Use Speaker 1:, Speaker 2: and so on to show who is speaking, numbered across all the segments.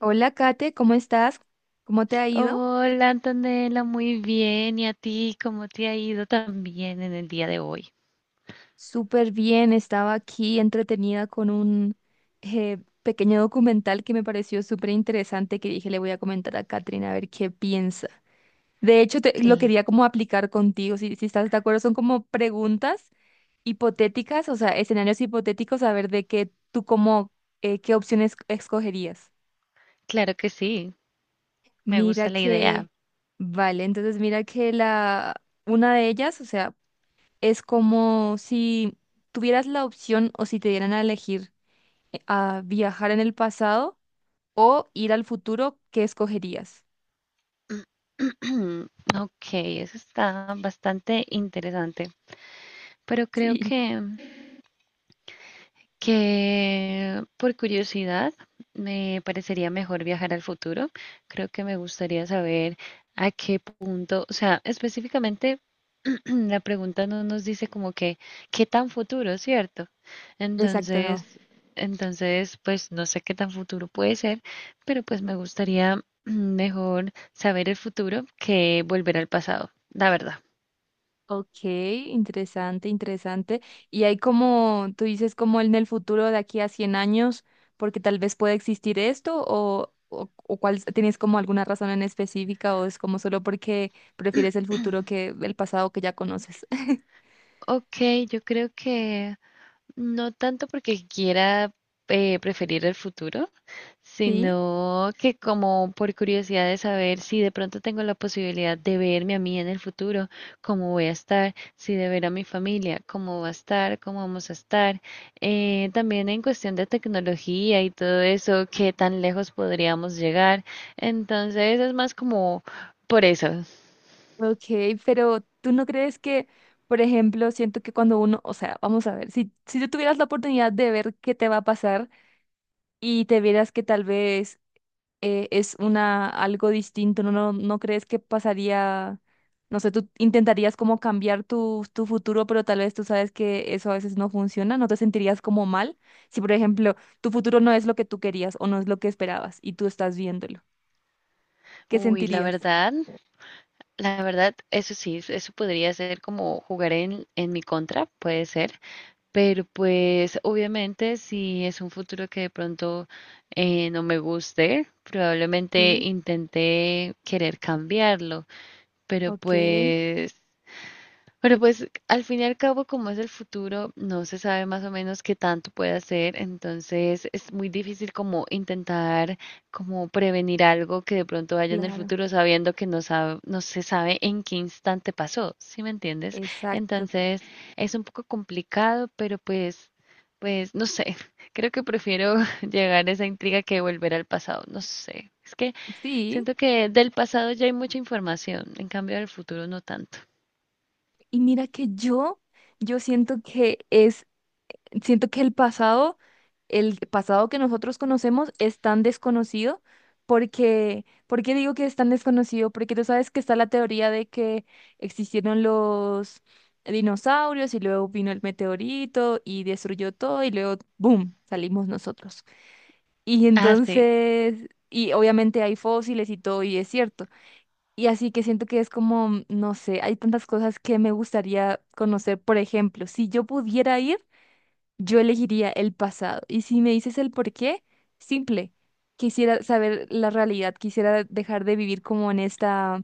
Speaker 1: Hola, Kate, ¿cómo estás? ¿Cómo te ha ido?
Speaker 2: Hola Antonella, muy bien. ¿Y a ti cómo te ha ido también en el día de hoy?
Speaker 1: Súper bien, estaba aquí entretenida con un eh, pequeño documental que me pareció súper interesante que dije le voy a comentar a Katrina a ver qué piensa. De hecho, lo quería como aplicar contigo, si estás de acuerdo, son como preguntas hipotéticas, o sea, escenarios hipotéticos, a ver de qué tú como, qué opciones escogerías.
Speaker 2: Claro que sí, me gusta
Speaker 1: Mira
Speaker 2: la idea.
Speaker 1: que, vale, entonces mira que la, una de ellas, o sea, es como si tuvieras la opción o si te dieran a elegir a viajar en el pasado o ir al futuro, ¿qué escogerías?
Speaker 2: Ok, eso está bastante interesante, pero creo
Speaker 1: Sí.
Speaker 2: que por curiosidad me parecería mejor viajar al futuro. Creo que me gustaría saber a qué punto, o sea, específicamente la pregunta no nos dice como que qué tan futuro, ¿cierto?
Speaker 1: Exacto, no.
Speaker 2: Entonces, entonces, pues no sé qué tan futuro puede ser, pero pues me gustaría mejor saber el futuro que volver al pasado, la verdad.
Speaker 1: Ok, interesante, interesante. Y hay como, tú dices como en el futuro de aquí a 100 años, porque tal vez pueda existir esto o cuál, ¿tienes como alguna razón en específica o es como solo porque prefieres el futuro que el pasado que ya conoces?
Speaker 2: Ok, yo creo que no tanto porque quiera preferir el futuro,
Speaker 1: Sí.
Speaker 2: sino que como por curiosidad de saber si de pronto tengo la posibilidad de verme a mí en el futuro, cómo voy a estar, si de ver a mi familia, cómo va a estar, cómo vamos a estar. También en cuestión de tecnología y todo eso, qué tan lejos podríamos llegar. Entonces es más como... Por eso,
Speaker 1: Ok, pero tú no crees que, por ejemplo, siento que cuando uno, o sea, vamos a ver, si tú tuvieras la oportunidad de ver qué te va a pasar y te vieras que tal vez es una algo distinto, ¿no crees que pasaría, no sé, tú intentarías como cambiar tu futuro, pero tal vez tú sabes que eso a veces no funciona? ¿No te sentirías como mal si, por ejemplo, tu futuro no es lo que tú querías o no es lo que esperabas y tú estás viéndolo? ¿Qué
Speaker 2: uy,
Speaker 1: sentirías?
Speaker 2: la verdad, eso sí, eso podría ser como jugar en mi contra, puede ser. Pero pues obviamente si es un futuro que de pronto no me guste, probablemente
Speaker 1: Sí,
Speaker 2: intenté querer cambiarlo, pero
Speaker 1: ok,
Speaker 2: pues pero pues al fin y al cabo, como es el futuro, no se sabe más o menos qué tanto puede hacer, entonces es muy difícil como intentar como prevenir algo que de pronto vaya en el
Speaker 1: claro.
Speaker 2: futuro sabiendo que no se sabe en qué instante pasó, ¿sí me entiendes?
Speaker 1: Exacto.
Speaker 2: Entonces es un poco complicado, pero pues, pues no sé, creo que prefiero llegar a esa intriga que volver al pasado, no sé. Es que
Speaker 1: Sí,
Speaker 2: siento que del pasado ya hay mucha información, en cambio del futuro no tanto.
Speaker 1: y mira que yo siento que es, siento que el pasado que nosotros conocemos es tan desconocido porque, ¿por qué digo que es tan desconocido? Porque tú sabes que está la teoría de que existieron los dinosaurios y luego vino el meteorito y destruyó todo y luego, ¡boom!, salimos nosotros. Y
Speaker 2: Ah, sí.
Speaker 1: entonces, y obviamente hay fósiles y todo y es cierto. Y así que siento que es como, no sé, hay tantas cosas que me gustaría conocer. Por ejemplo, si yo pudiera ir, yo elegiría el pasado. Y si me dices el por qué, simple. Quisiera saber la realidad, quisiera dejar de vivir como en esta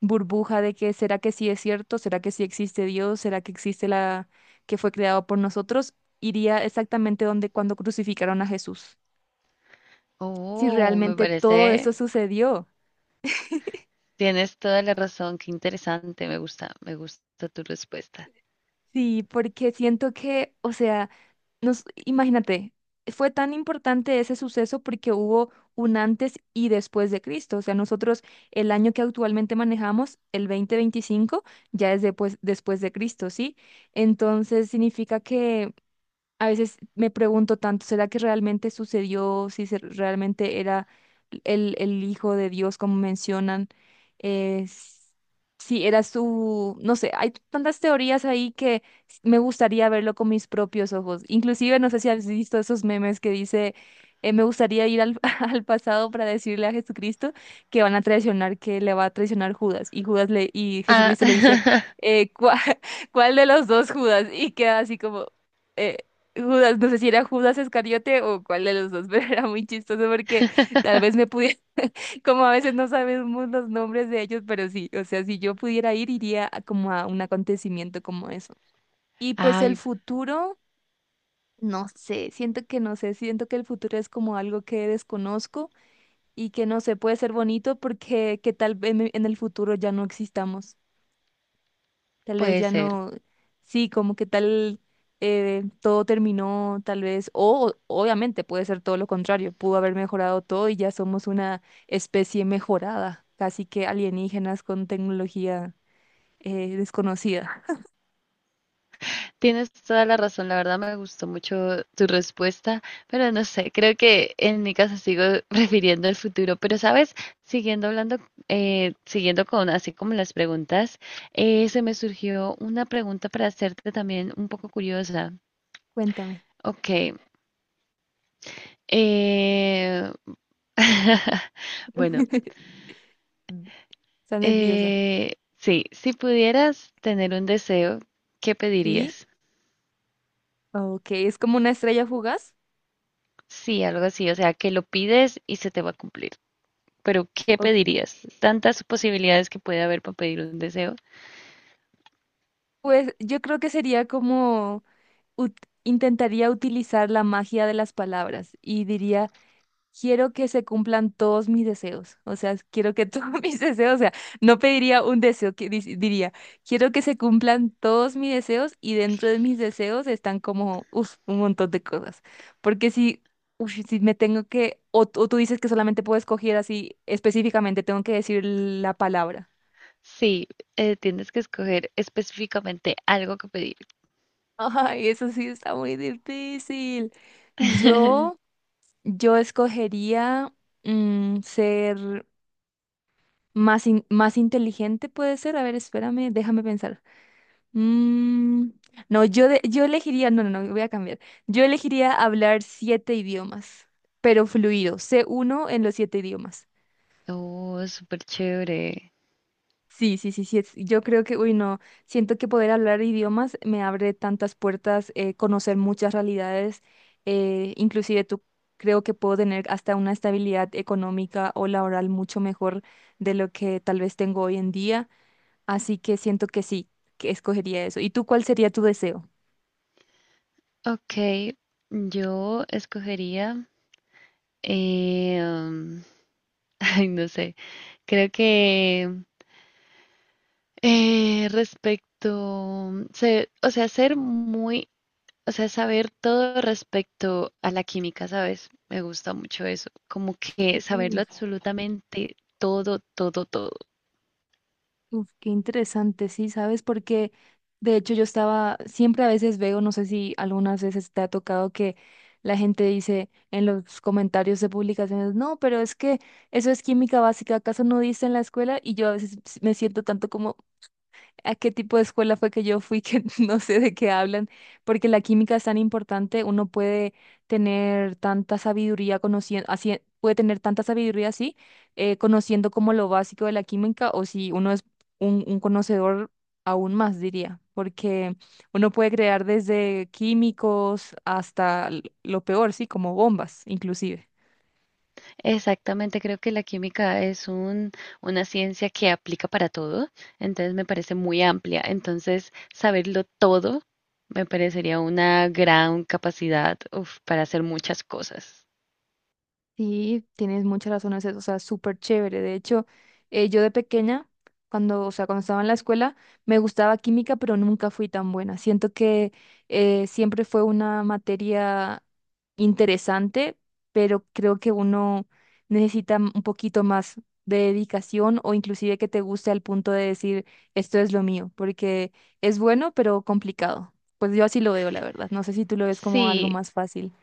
Speaker 1: burbuja de que será que sí es cierto, será que sí existe Dios, será que existe la que fue creado por nosotros. Iría exactamente donde cuando crucificaron a Jesús. Si
Speaker 2: Oh, me
Speaker 1: realmente todo eso
Speaker 2: parece,
Speaker 1: sucedió.
Speaker 2: tienes toda la razón, qué interesante, me gusta tu respuesta.
Speaker 1: Sí, porque siento que, o sea, nos, imagínate, fue tan importante ese suceso porque hubo un antes y después de Cristo. O sea, nosotros el año que actualmente manejamos, el 2025, ya es después, después de Cristo, ¿sí? Entonces significa que a veces me pregunto tanto, ¿será que realmente sucedió? Si realmente era el Hijo de Dios, como mencionan, es si era su, no sé, hay tantas teorías ahí que me gustaría verlo con mis propios ojos. Inclusive, no sé si has visto esos memes que dice, me gustaría ir al pasado para decirle a Jesucristo que van a traicionar, que le va a traicionar Judas. Y Judas le, y Jesucristo le dice,
Speaker 2: Ah,
Speaker 1: eh, "¿Cuá- ¿cuál, de los dos Judas?". Y queda así como, eh, Judas, no sé si era Judas Escariote o cuál de los dos, pero era muy chistoso porque tal vez me pudiera, como a veces no sabemos los nombres de ellos, pero sí, o sea, si yo pudiera ir, iría a como a un acontecimiento como eso. Y pues el
Speaker 2: ay,
Speaker 1: futuro, no sé, siento que no sé, siento que el futuro es como algo que desconozco y que no sé, puede ser bonito porque que tal vez en el futuro ya no existamos. Tal vez
Speaker 2: puede
Speaker 1: ya
Speaker 2: ser.
Speaker 1: no, sí, como que tal todo terminó, tal vez, o obviamente puede ser todo lo contrario, pudo haber mejorado todo y ya somos una especie mejorada, casi que alienígenas con tecnología desconocida.
Speaker 2: Tienes toda la razón, la verdad me gustó mucho tu respuesta, pero no sé, creo que en mi caso sigo refiriendo al futuro, pero sabes, siguiendo hablando, siguiendo con así como las preguntas, se me surgió una pregunta para hacerte también un poco curiosa.
Speaker 1: Cuéntame.
Speaker 2: Ok, eh, bueno,
Speaker 1: Mm. Está nerviosa.
Speaker 2: sí, si pudieras tener un deseo, ¿qué
Speaker 1: ¿Sí?
Speaker 2: pedirías?
Speaker 1: Ok, es como una estrella fugaz.
Speaker 2: Sí, algo así, o sea, que lo pides y se te va a cumplir. Pero, ¿qué
Speaker 1: Ok.
Speaker 2: pedirías? Tantas posibilidades que puede haber para pedir un deseo.
Speaker 1: Pues yo creo que sería como ut- intentaría utilizar la magia de las palabras y diría quiero que se cumplan todos mis deseos. O sea, quiero que todos mis deseos, o sea, no pediría un deseo, que diría, quiero que se cumplan todos mis deseos y dentro de mis deseos están como, uf, un montón de cosas. Porque si, uf, si me tengo que, o tú dices que solamente puedo escoger así específicamente, tengo que decir la palabra.
Speaker 2: Sí, tienes que escoger específicamente algo que pedir.
Speaker 1: Ay, eso sí está muy difícil. Yo, yo escogería ser más, más inteligente puede ser. A ver, espérame, déjame pensar. Mm, no, yo yo elegiría, no, no, no, voy a cambiar. Yo elegiría hablar siete idiomas, pero fluido, c uno en los siete idiomas.
Speaker 2: Oh, súper chévere.
Speaker 1: Sí, sí, sí, sí. Yo creo que, uy, no, siento que poder hablar idiomas me abre tantas puertas, conocer muchas realidades, inclusive tú creo que puedo tener hasta una estabilidad económica o laboral mucho mejor de lo que tal vez tengo hoy en día. Así que siento que sí, que escogería eso. ¿Y tú cuál sería tu deseo?
Speaker 2: Ok, yo escogería, eh, um, ay, no sé, creo que o sea, ser muy, o sea, saber todo respecto a la química, ¿sabes? Me gusta mucho eso, como que saberlo
Speaker 1: Uf,
Speaker 2: absolutamente todo, todo, todo.
Speaker 1: uf, qué interesante, sí, ¿sabes? Porque de hecho yo estaba, siempre a veces veo, no sé si algunas veces te ha tocado que la gente dice en los comentarios de publicaciones, no, pero es que eso es química básica, ¿acaso no dice en la escuela? Y yo a veces me siento tanto como, a qué tipo de escuela fue que yo fui, que no sé de qué hablan, porque la química es tan importante, uno puede tener tanta sabiduría conociendo, así, puede tener tanta sabiduría así, conociendo como lo básico de la química, o si uno es un conocedor aún más, diría, porque uno puede crear desde químicos hasta lo peor, sí, como bombas, inclusive.
Speaker 2: Exactamente, creo que la química es un, una ciencia que aplica para todo, entonces me parece muy amplia, entonces saberlo todo me parecería una gran capacidad, uf, para hacer muchas cosas.
Speaker 1: Sí, tienes muchas razones, o sea, súper chévere. De hecho, yo de pequeña, cuando, o sea, cuando estaba en la escuela, me gustaba química, pero nunca fui tan buena. Siento que siempre fue una materia interesante, pero creo que uno necesita un poquito más de dedicación o inclusive que te guste al punto de decir, esto es lo mío, porque es bueno, pero complicado. Pues yo así lo veo, la verdad. No sé si tú lo ves como algo
Speaker 2: Sí,
Speaker 1: más fácil.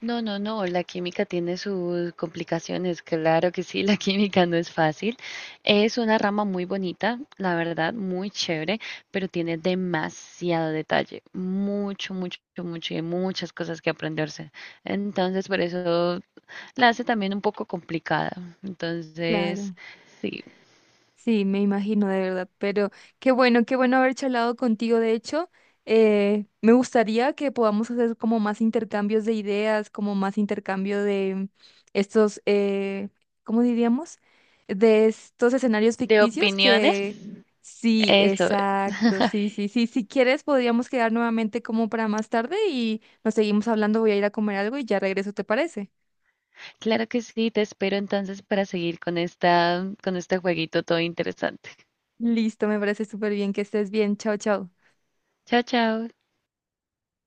Speaker 2: no, no, no, la química tiene sus complicaciones, claro que sí, la química no es fácil. Es una rama muy bonita, la verdad, muy chévere, pero tiene demasiado detalle, mucho, mucho, mucho y muchas cosas que aprenderse. Entonces, por eso la hace también un poco complicada. Entonces,
Speaker 1: Claro.
Speaker 2: sí,
Speaker 1: Sí, me imagino de verdad, pero qué bueno haber charlado contigo. De hecho, me gustaría que podamos hacer como más intercambios de ideas, como más intercambio de estos, ¿cómo diríamos? De estos escenarios
Speaker 2: de
Speaker 1: ficticios
Speaker 2: opiniones,
Speaker 1: que sí,
Speaker 2: eso.
Speaker 1: exacto, sí, sí, sí. Si quieres, podríamos quedar nuevamente como para más tarde y nos seguimos hablando. Voy a ir a comer algo y ya regreso, ¿te parece?
Speaker 2: Claro que sí, te espero entonces para seguir con esta, con este jueguito todo interesante.
Speaker 1: Listo, me parece súper bien que estés bien. Chao, chao.
Speaker 2: Chao, chao.